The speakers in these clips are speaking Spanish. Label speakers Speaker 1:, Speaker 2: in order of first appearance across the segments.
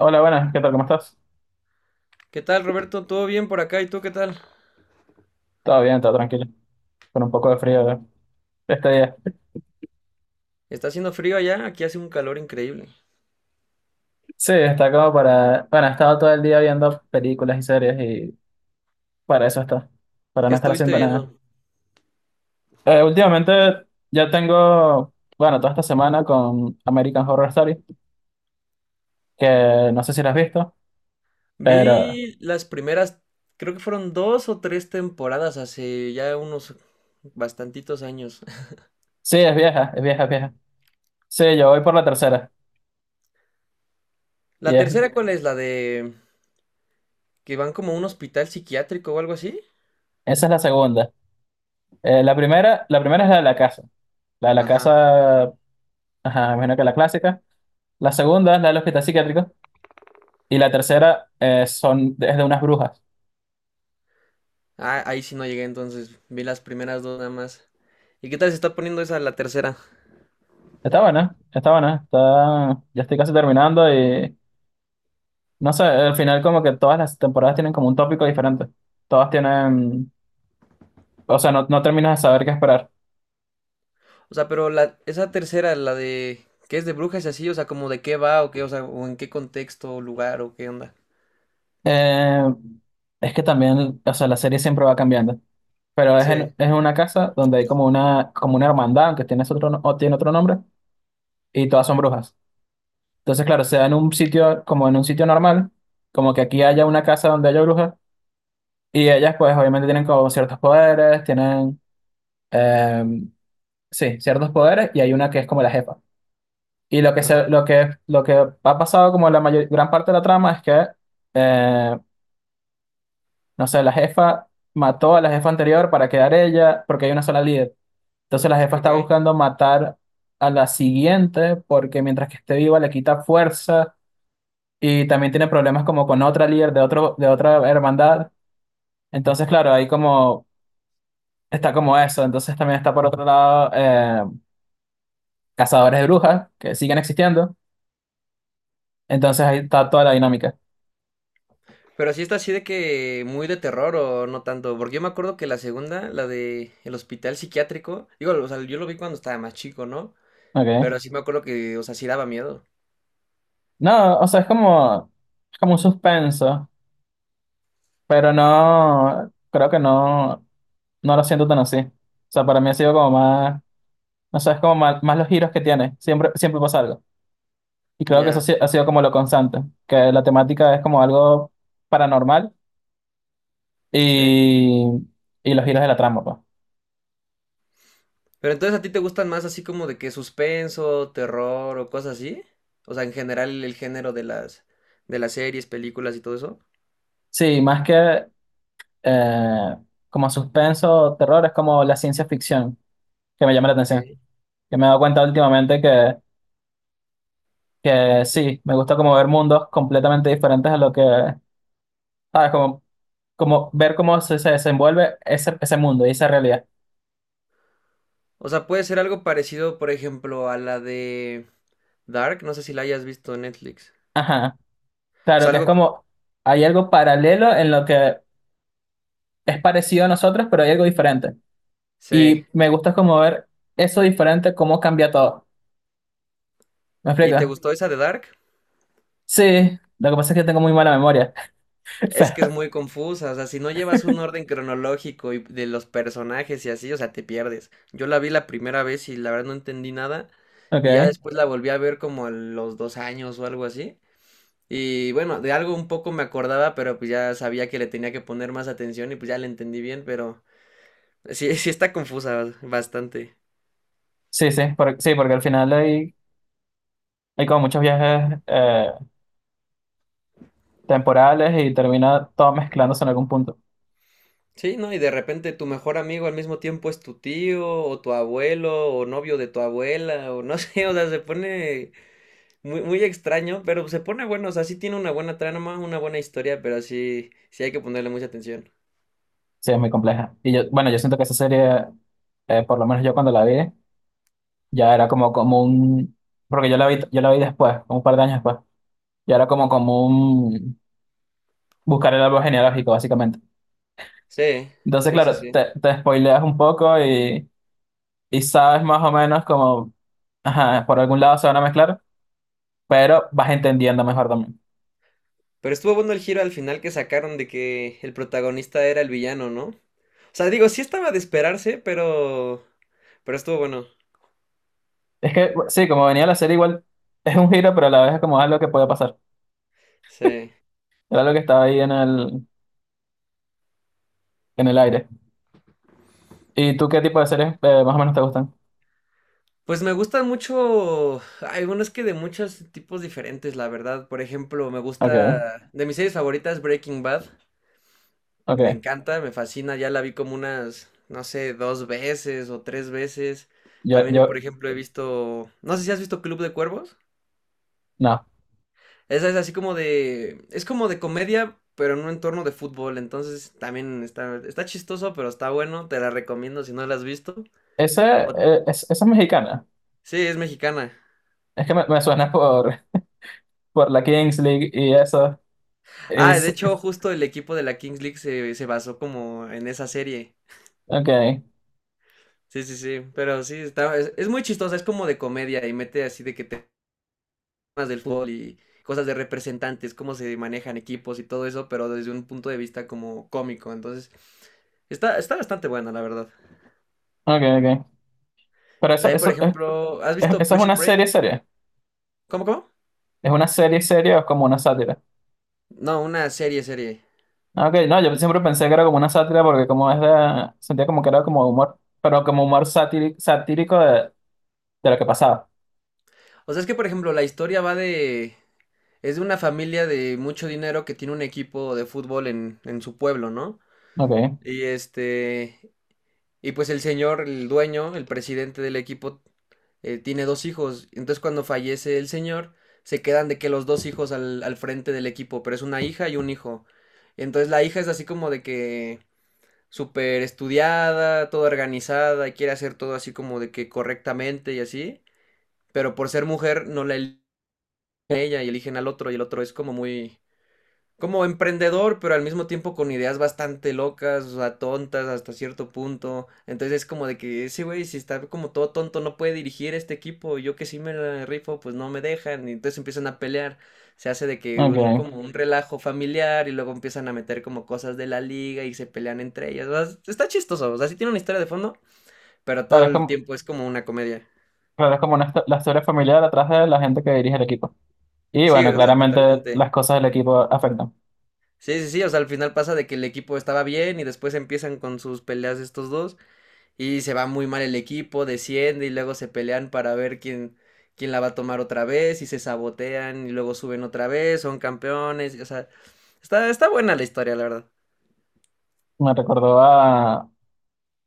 Speaker 1: Hola, buenas, ¿qué tal? ¿Cómo estás?
Speaker 2: ¿Qué tal, Roberto? ¿Todo bien por acá? ¿Y tú qué tal?
Speaker 1: Todo bien, todo tranquilo. Con un poco de frío este día.
Speaker 2: Está haciendo frío allá, aquí hace un calor increíble.
Speaker 1: Sí, está como para... Bueno, he estado todo el día viendo películas y series y para eso está. Para
Speaker 2: ¿Qué
Speaker 1: no estar
Speaker 2: estuviste
Speaker 1: haciendo nada.
Speaker 2: viendo?
Speaker 1: Últimamente ya tengo... Bueno, toda esta semana con American Horror Story, que no sé si la has visto, pero
Speaker 2: Vi las primeras, creo que fueron dos o tres temporadas hace ya unos bastantitos años.
Speaker 1: sí, es vieja. Sí, yo voy por la tercera. Y
Speaker 2: ¿La
Speaker 1: es-
Speaker 2: tercera cuál es? ¿La de que van como a un hospital psiquiátrico o algo así?
Speaker 1: Esa es la segunda. La primera, la primera es la de la casa. La de la
Speaker 2: Ajá.
Speaker 1: casa, ajá, me imagino que la clásica. La segunda es la del hospital psiquiátrico. Y la tercera es de unas brujas.
Speaker 2: Ah, ahí sí no llegué, entonces vi las primeras dos nada más. ¿Y qué tal se está poniendo esa la tercera?
Speaker 1: Está buena, está buena, está, ya estoy casi terminando y no sé, al final como que todas las temporadas tienen como un tópico diferente. Todas tienen, o sea, no terminas de saber qué esperar.
Speaker 2: O sea, pero esa tercera, la de que es de brujas y así, o sea, como de qué va o qué, o sea, o en qué contexto, lugar o qué onda.
Speaker 1: Eh, es que también, o sea, la serie siempre va cambiando, pero
Speaker 2: Sí,
Speaker 1: es en una casa donde hay como una hermandad, aunque tiene otro, o tiene otro nombre, y todas son brujas. Entonces, claro, se da en un sitio, como en un sitio normal, como que aquí haya una casa donde haya brujas. Y ellas pues obviamente tienen como ciertos poderes, tienen, em, sí, ciertos poderes y hay una que es como la jefa. Y lo que,
Speaker 2: ajá,
Speaker 1: se, lo que, Lo que ha pasado como gran parte de la trama es que, eh, no sé, la jefa mató a la jefa anterior para quedar ella porque hay una sola líder. Entonces la jefa está
Speaker 2: ok.
Speaker 1: buscando matar a la siguiente porque mientras que esté viva le quita fuerza y también tiene problemas como con otra líder de, de otra hermandad. Entonces, claro, ahí como... Está como eso, entonces también está por otro lado cazadores de brujas que siguen existiendo. Entonces ahí está toda la dinámica.
Speaker 2: Pero sí está así de que muy de terror o no tanto, porque yo me acuerdo que la segunda, la de el hospital psiquiátrico, digo, o sea, yo lo vi cuando estaba más chico, ¿no?
Speaker 1: Ok.
Speaker 2: Pero sí me acuerdo que, o sea, sí daba miedo.
Speaker 1: No, o sea, es como un suspenso, pero no, creo que no lo siento tan así. O sea, para mí ha sido como más, no sé, es como más, más los giros que tiene. Siempre pasa algo. Y creo que eso ha
Speaker 2: Ya,
Speaker 1: si- ha sido como lo constante, que la temática es como algo paranormal
Speaker 2: sí.
Speaker 1: y, y los giros de la trama, pues.
Speaker 2: Pero entonces ¿a ti te gustan más así como de que suspenso, terror o cosas así? O sea, en general el género de las series, películas y todo eso.
Speaker 1: Sí, más que eh, como suspenso, o terror, es como la ciencia ficción que me llama la atención.
Speaker 2: Ok.
Speaker 1: Yo me he dado cuenta últimamente que sí, me gusta como ver mundos completamente diferentes a lo que, ¿sabes? Como ver cómo se desenvuelve ese mundo y esa realidad.
Speaker 2: O sea, puede ser algo parecido, por ejemplo, a la de Dark. No sé si la hayas visto en Netflix.
Speaker 1: Ajá.
Speaker 2: O
Speaker 1: Claro
Speaker 2: sea,
Speaker 1: que
Speaker 2: algo...
Speaker 1: hay algo paralelo en lo que es parecido a nosotros, pero hay algo diferente.
Speaker 2: Sí.
Speaker 1: Y me gusta como ver eso diferente, cómo cambia todo. ¿Me
Speaker 2: ¿Y te
Speaker 1: explica?
Speaker 2: gustó esa de Dark?
Speaker 1: Sí, lo que pasa es que tengo muy mala memoria.
Speaker 2: Es
Speaker 1: Pero,
Speaker 2: que es muy confusa. O sea, si no llevas un orden cronológico y de los personajes y así, o sea, te pierdes. Yo la vi la primera vez y la verdad no entendí nada. Y ya
Speaker 1: ok.
Speaker 2: después la volví a ver como a los dos años o algo así. Y bueno, de algo un poco me acordaba, pero pues ya sabía que le tenía que poner más atención y pues ya le entendí bien, pero sí, sí está confusa bastante.
Speaker 1: Sí, porque al final hay como muchos viajes temporales y termina todo mezclándose en algún punto.
Speaker 2: Sí, ¿no? Y de repente tu mejor amigo al mismo tiempo es tu tío o tu abuelo o novio de tu abuela o no sé, o sea, se pone muy, muy extraño, pero se pone bueno, o sea, sí tiene una buena trama, una buena historia, pero sí, sí hay que ponerle mucha atención.
Speaker 1: Sí, es muy compleja. Y yo, bueno, yo siento que esa serie, por lo menos yo cuando la vi, ya era porque yo la vi después, como un par de años después, ya era como un buscar el árbol genealógico, básicamente.
Speaker 2: Sí,
Speaker 1: Entonces,
Speaker 2: sí, sí,
Speaker 1: claro,
Speaker 2: sí.
Speaker 1: te spoileas un poco y sabes más o menos como, ajá, por algún lado se van a mezclar, pero vas entendiendo mejor también.
Speaker 2: Pero estuvo bueno el giro al final que sacaron de que el protagonista era el villano, ¿no? O sea, digo, sí estaba de esperarse, pero estuvo bueno.
Speaker 1: Es que, sí, como venía la serie igual, es un giro, pero a la vez es como algo que puede pasar.
Speaker 2: Sí.
Speaker 1: Era algo que estaba ahí en el aire. ¿Y tú qué tipo de series más o menos te gustan?
Speaker 2: Pues me gustan mucho, hay unos que de muchos tipos diferentes, la verdad. Por ejemplo, me
Speaker 1: Ok,
Speaker 2: gusta, de mis series favoritas, Breaking Bad. Me
Speaker 1: ok.
Speaker 2: encanta, me fascina, ya la vi como unas, no sé, dos veces o tres veces.
Speaker 1: Yo,
Speaker 2: También, por
Speaker 1: yo,
Speaker 2: ejemplo, he visto, no sé si has visto Club de Cuervos.
Speaker 1: no.
Speaker 2: Esa es así como de, es como de comedia, pero en un entorno de fútbol. Entonces, también está chistoso, pero está bueno. Te la recomiendo si no la has visto.
Speaker 1: Ese,
Speaker 2: O-
Speaker 1: Esa es mexicana.
Speaker 2: sí, es mexicana.
Speaker 1: Me suena por la Kings League y eso.
Speaker 2: Ah,
Speaker 1: Es,
Speaker 2: de hecho, justo el equipo de la Kings League se basó como en esa serie.
Speaker 1: ok,
Speaker 2: Sí, sí, sí. Pero sí, está, es muy chistosa, es como de comedia y mete así de que temas del fútbol y cosas de representantes, cómo se manejan equipos y todo eso, pero desde un punto de vista como cómico. Entonces, está bastante bueno, la verdad.
Speaker 1: ok. Pero eso,
Speaker 2: También, por
Speaker 1: eso, es,
Speaker 2: ejemplo, ¿has visto
Speaker 1: Eso es una
Speaker 2: Prison
Speaker 1: serie
Speaker 2: Break?
Speaker 1: serie.
Speaker 2: ¿Cómo, cómo?
Speaker 1: ¿Es una serie serie o es como una sátira?
Speaker 2: No, una serie, serie.
Speaker 1: Ah, ok, no, yo siempre pensé que era como una sátira porque como es de, sentía como que era como humor, pero como humor satírico de lo que pasaba.
Speaker 2: O sea, es que, por ejemplo, la historia va de... Es de una familia de mucho dinero que tiene un equipo de fútbol en su pueblo, ¿no?
Speaker 1: Ok,
Speaker 2: Y este, y pues el señor, el dueño, el presidente del equipo, tiene dos hijos. Entonces cuando fallece el señor, se quedan de que los dos hijos al frente del equipo, pero es una hija y un hijo. Entonces la hija es así como de que súper estudiada, toda organizada, y quiere hacer todo así como de que correctamente y así. Pero por ser mujer no la eligen a ella y eligen al otro, y el otro es como muy, como emprendedor, pero al mismo tiempo con ideas bastante locas, o sea, tontas hasta cierto punto. Entonces es como de que ese güey, si está como todo tonto, no puede dirigir este equipo. Yo que sí me la rifo, pues no me dejan. Y entonces empiezan a pelear. Se hace de que un,
Speaker 1: ok.
Speaker 2: como un relajo familiar y luego empiezan a meter como cosas de la liga y se pelean entre ellas. O sea, está chistoso, o sea, sí tiene una historia de fondo, pero todo
Speaker 1: Claro, es
Speaker 2: el
Speaker 1: como,
Speaker 2: tiempo es como una comedia.
Speaker 1: claro, es como una, la historia familiar atrás de la gente que dirige el equipo. Y
Speaker 2: Sí,
Speaker 1: bueno,
Speaker 2: o sea,
Speaker 1: claramente
Speaker 2: totalmente.
Speaker 1: las cosas del equipo afectan.
Speaker 2: Sí, sí, sí, o sea, al final pasa de que el equipo estaba bien y después empiezan con sus peleas estos dos. Y se va muy mal el equipo, desciende y luego se pelean para ver quién la va a tomar otra vez y se sabotean y luego suben otra vez, son campeones, o sea, está buena la historia, la verdad.
Speaker 1: Me recordó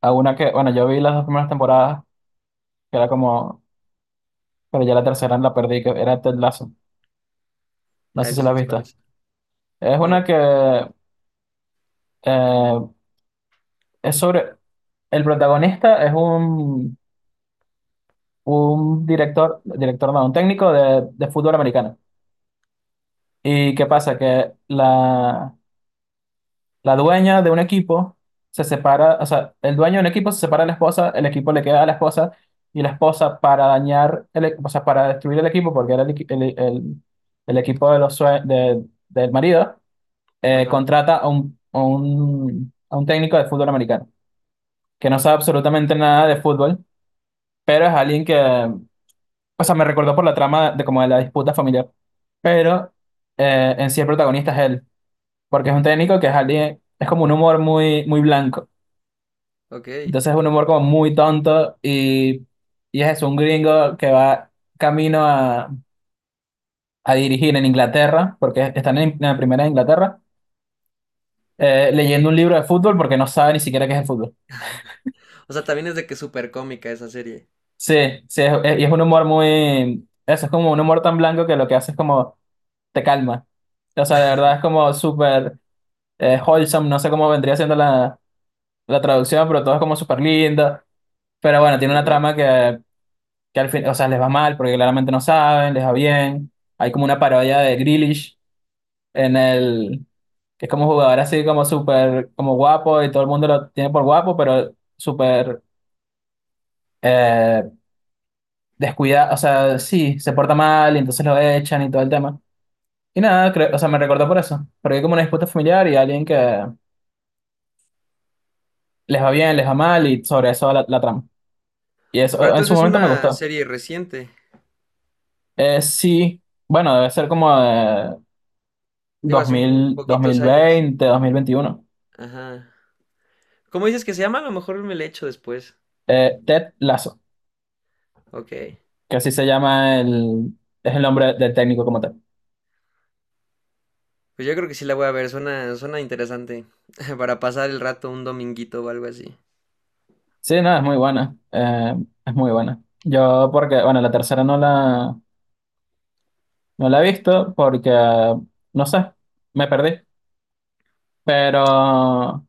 Speaker 1: a una que, bueno, yo vi las dos primeras temporadas, que era como, pero ya la tercera la perdí, que era Ted Lasso. No
Speaker 2: Ah,
Speaker 1: sé si
Speaker 2: eso sí
Speaker 1: la has
Speaker 2: no sé cuál
Speaker 1: visto.
Speaker 2: es.
Speaker 1: Es una
Speaker 2: No.
Speaker 1: que eh, es sobre, el protagonista es un director, director no, un técnico de fútbol americano. ¿Y qué
Speaker 2: Ajá.
Speaker 1: pasa? La dueña de un equipo se separa, o sea, el dueño de un equipo se separa de la esposa, el equipo le queda a la esposa y la esposa para dañar, o sea, para destruir el equipo, porque era el equipo de los del marido,
Speaker 2: Ajá.
Speaker 1: contrata a un, a un técnico de fútbol americano, que no sabe absolutamente nada de fútbol, pero es alguien que, o sea, me recordó por la trama de, como de la disputa familiar, pero en sí el protagonista es él, porque es un técnico que es alguien, es como un humor muy blanco.
Speaker 2: Ok.
Speaker 1: Entonces es un humor como muy tonto y es eso, un gringo que va camino a dirigir en Inglaterra, porque están en la primera de Inglaterra, leyendo un libro de fútbol porque no sabe ni siquiera qué es el fútbol.
Speaker 2: O sea, también es de que es súper cómica esa serie.
Speaker 1: Sí, y es un humor muy... Eso es como un humor tan blanco que lo que hace es como te calma. O sea, de verdad es como súper wholesome, no sé cómo vendría siendo la traducción, pero todo es como súper lindo. Pero bueno, tiene una
Speaker 2: Ok.
Speaker 1: trama que al fin, o sea, les va mal porque claramente no saben, les va bien. Hay como una parodia de Grealish en el, que es como un jugador así como súper, como guapo y todo el mundo lo tiene por guapo, pero súper eh, descuidado, o sea, sí, se porta mal y entonces lo echan y todo el tema. Y nada, o sea, me recordó por eso, porque hay como una disputa familiar y alguien que les va bien, les va mal y sobre eso va la trama. Y
Speaker 2: Pero
Speaker 1: eso en su
Speaker 2: entonces ¿es
Speaker 1: momento me
Speaker 2: una
Speaker 1: gustó.
Speaker 2: serie reciente?
Speaker 1: Sí, bueno, debe ser como de
Speaker 2: Digo,
Speaker 1: dos
Speaker 2: hace un
Speaker 1: mil dos
Speaker 2: poquitos
Speaker 1: mil
Speaker 2: años.
Speaker 1: veinte dos mil veintiuno
Speaker 2: Ajá. ¿Cómo dices que se llama? A lo mejor me la echo después.
Speaker 1: Ted Lasso,
Speaker 2: Ok.
Speaker 1: que así se llama el, es el nombre del técnico como tal.
Speaker 2: Pues yo creo que sí la voy a ver, suena interesante. Para pasar el rato un dominguito o algo así.
Speaker 1: Sí, no, es muy buena, es muy buena. Yo porque, bueno, la tercera no la he visto porque, no sé, me perdí, pero,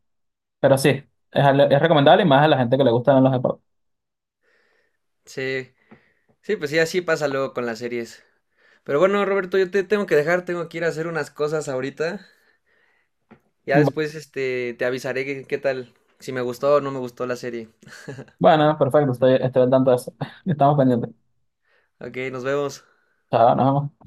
Speaker 1: pero sí, es recomendable y más a la gente que le gustan los deportes.
Speaker 2: Sí, sí, pues sí, así pasa luego con las series. Pero bueno, Roberto, yo te tengo que dejar, tengo que ir a hacer unas cosas ahorita. Ya
Speaker 1: Bu-
Speaker 2: después, te avisaré qué tal, si me gustó o no me gustó la serie.
Speaker 1: Bueno, perfecto, estoy al tanto de eso. Estamos pendientes.
Speaker 2: Ok, nos vemos.
Speaker 1: Chao, nos vemos.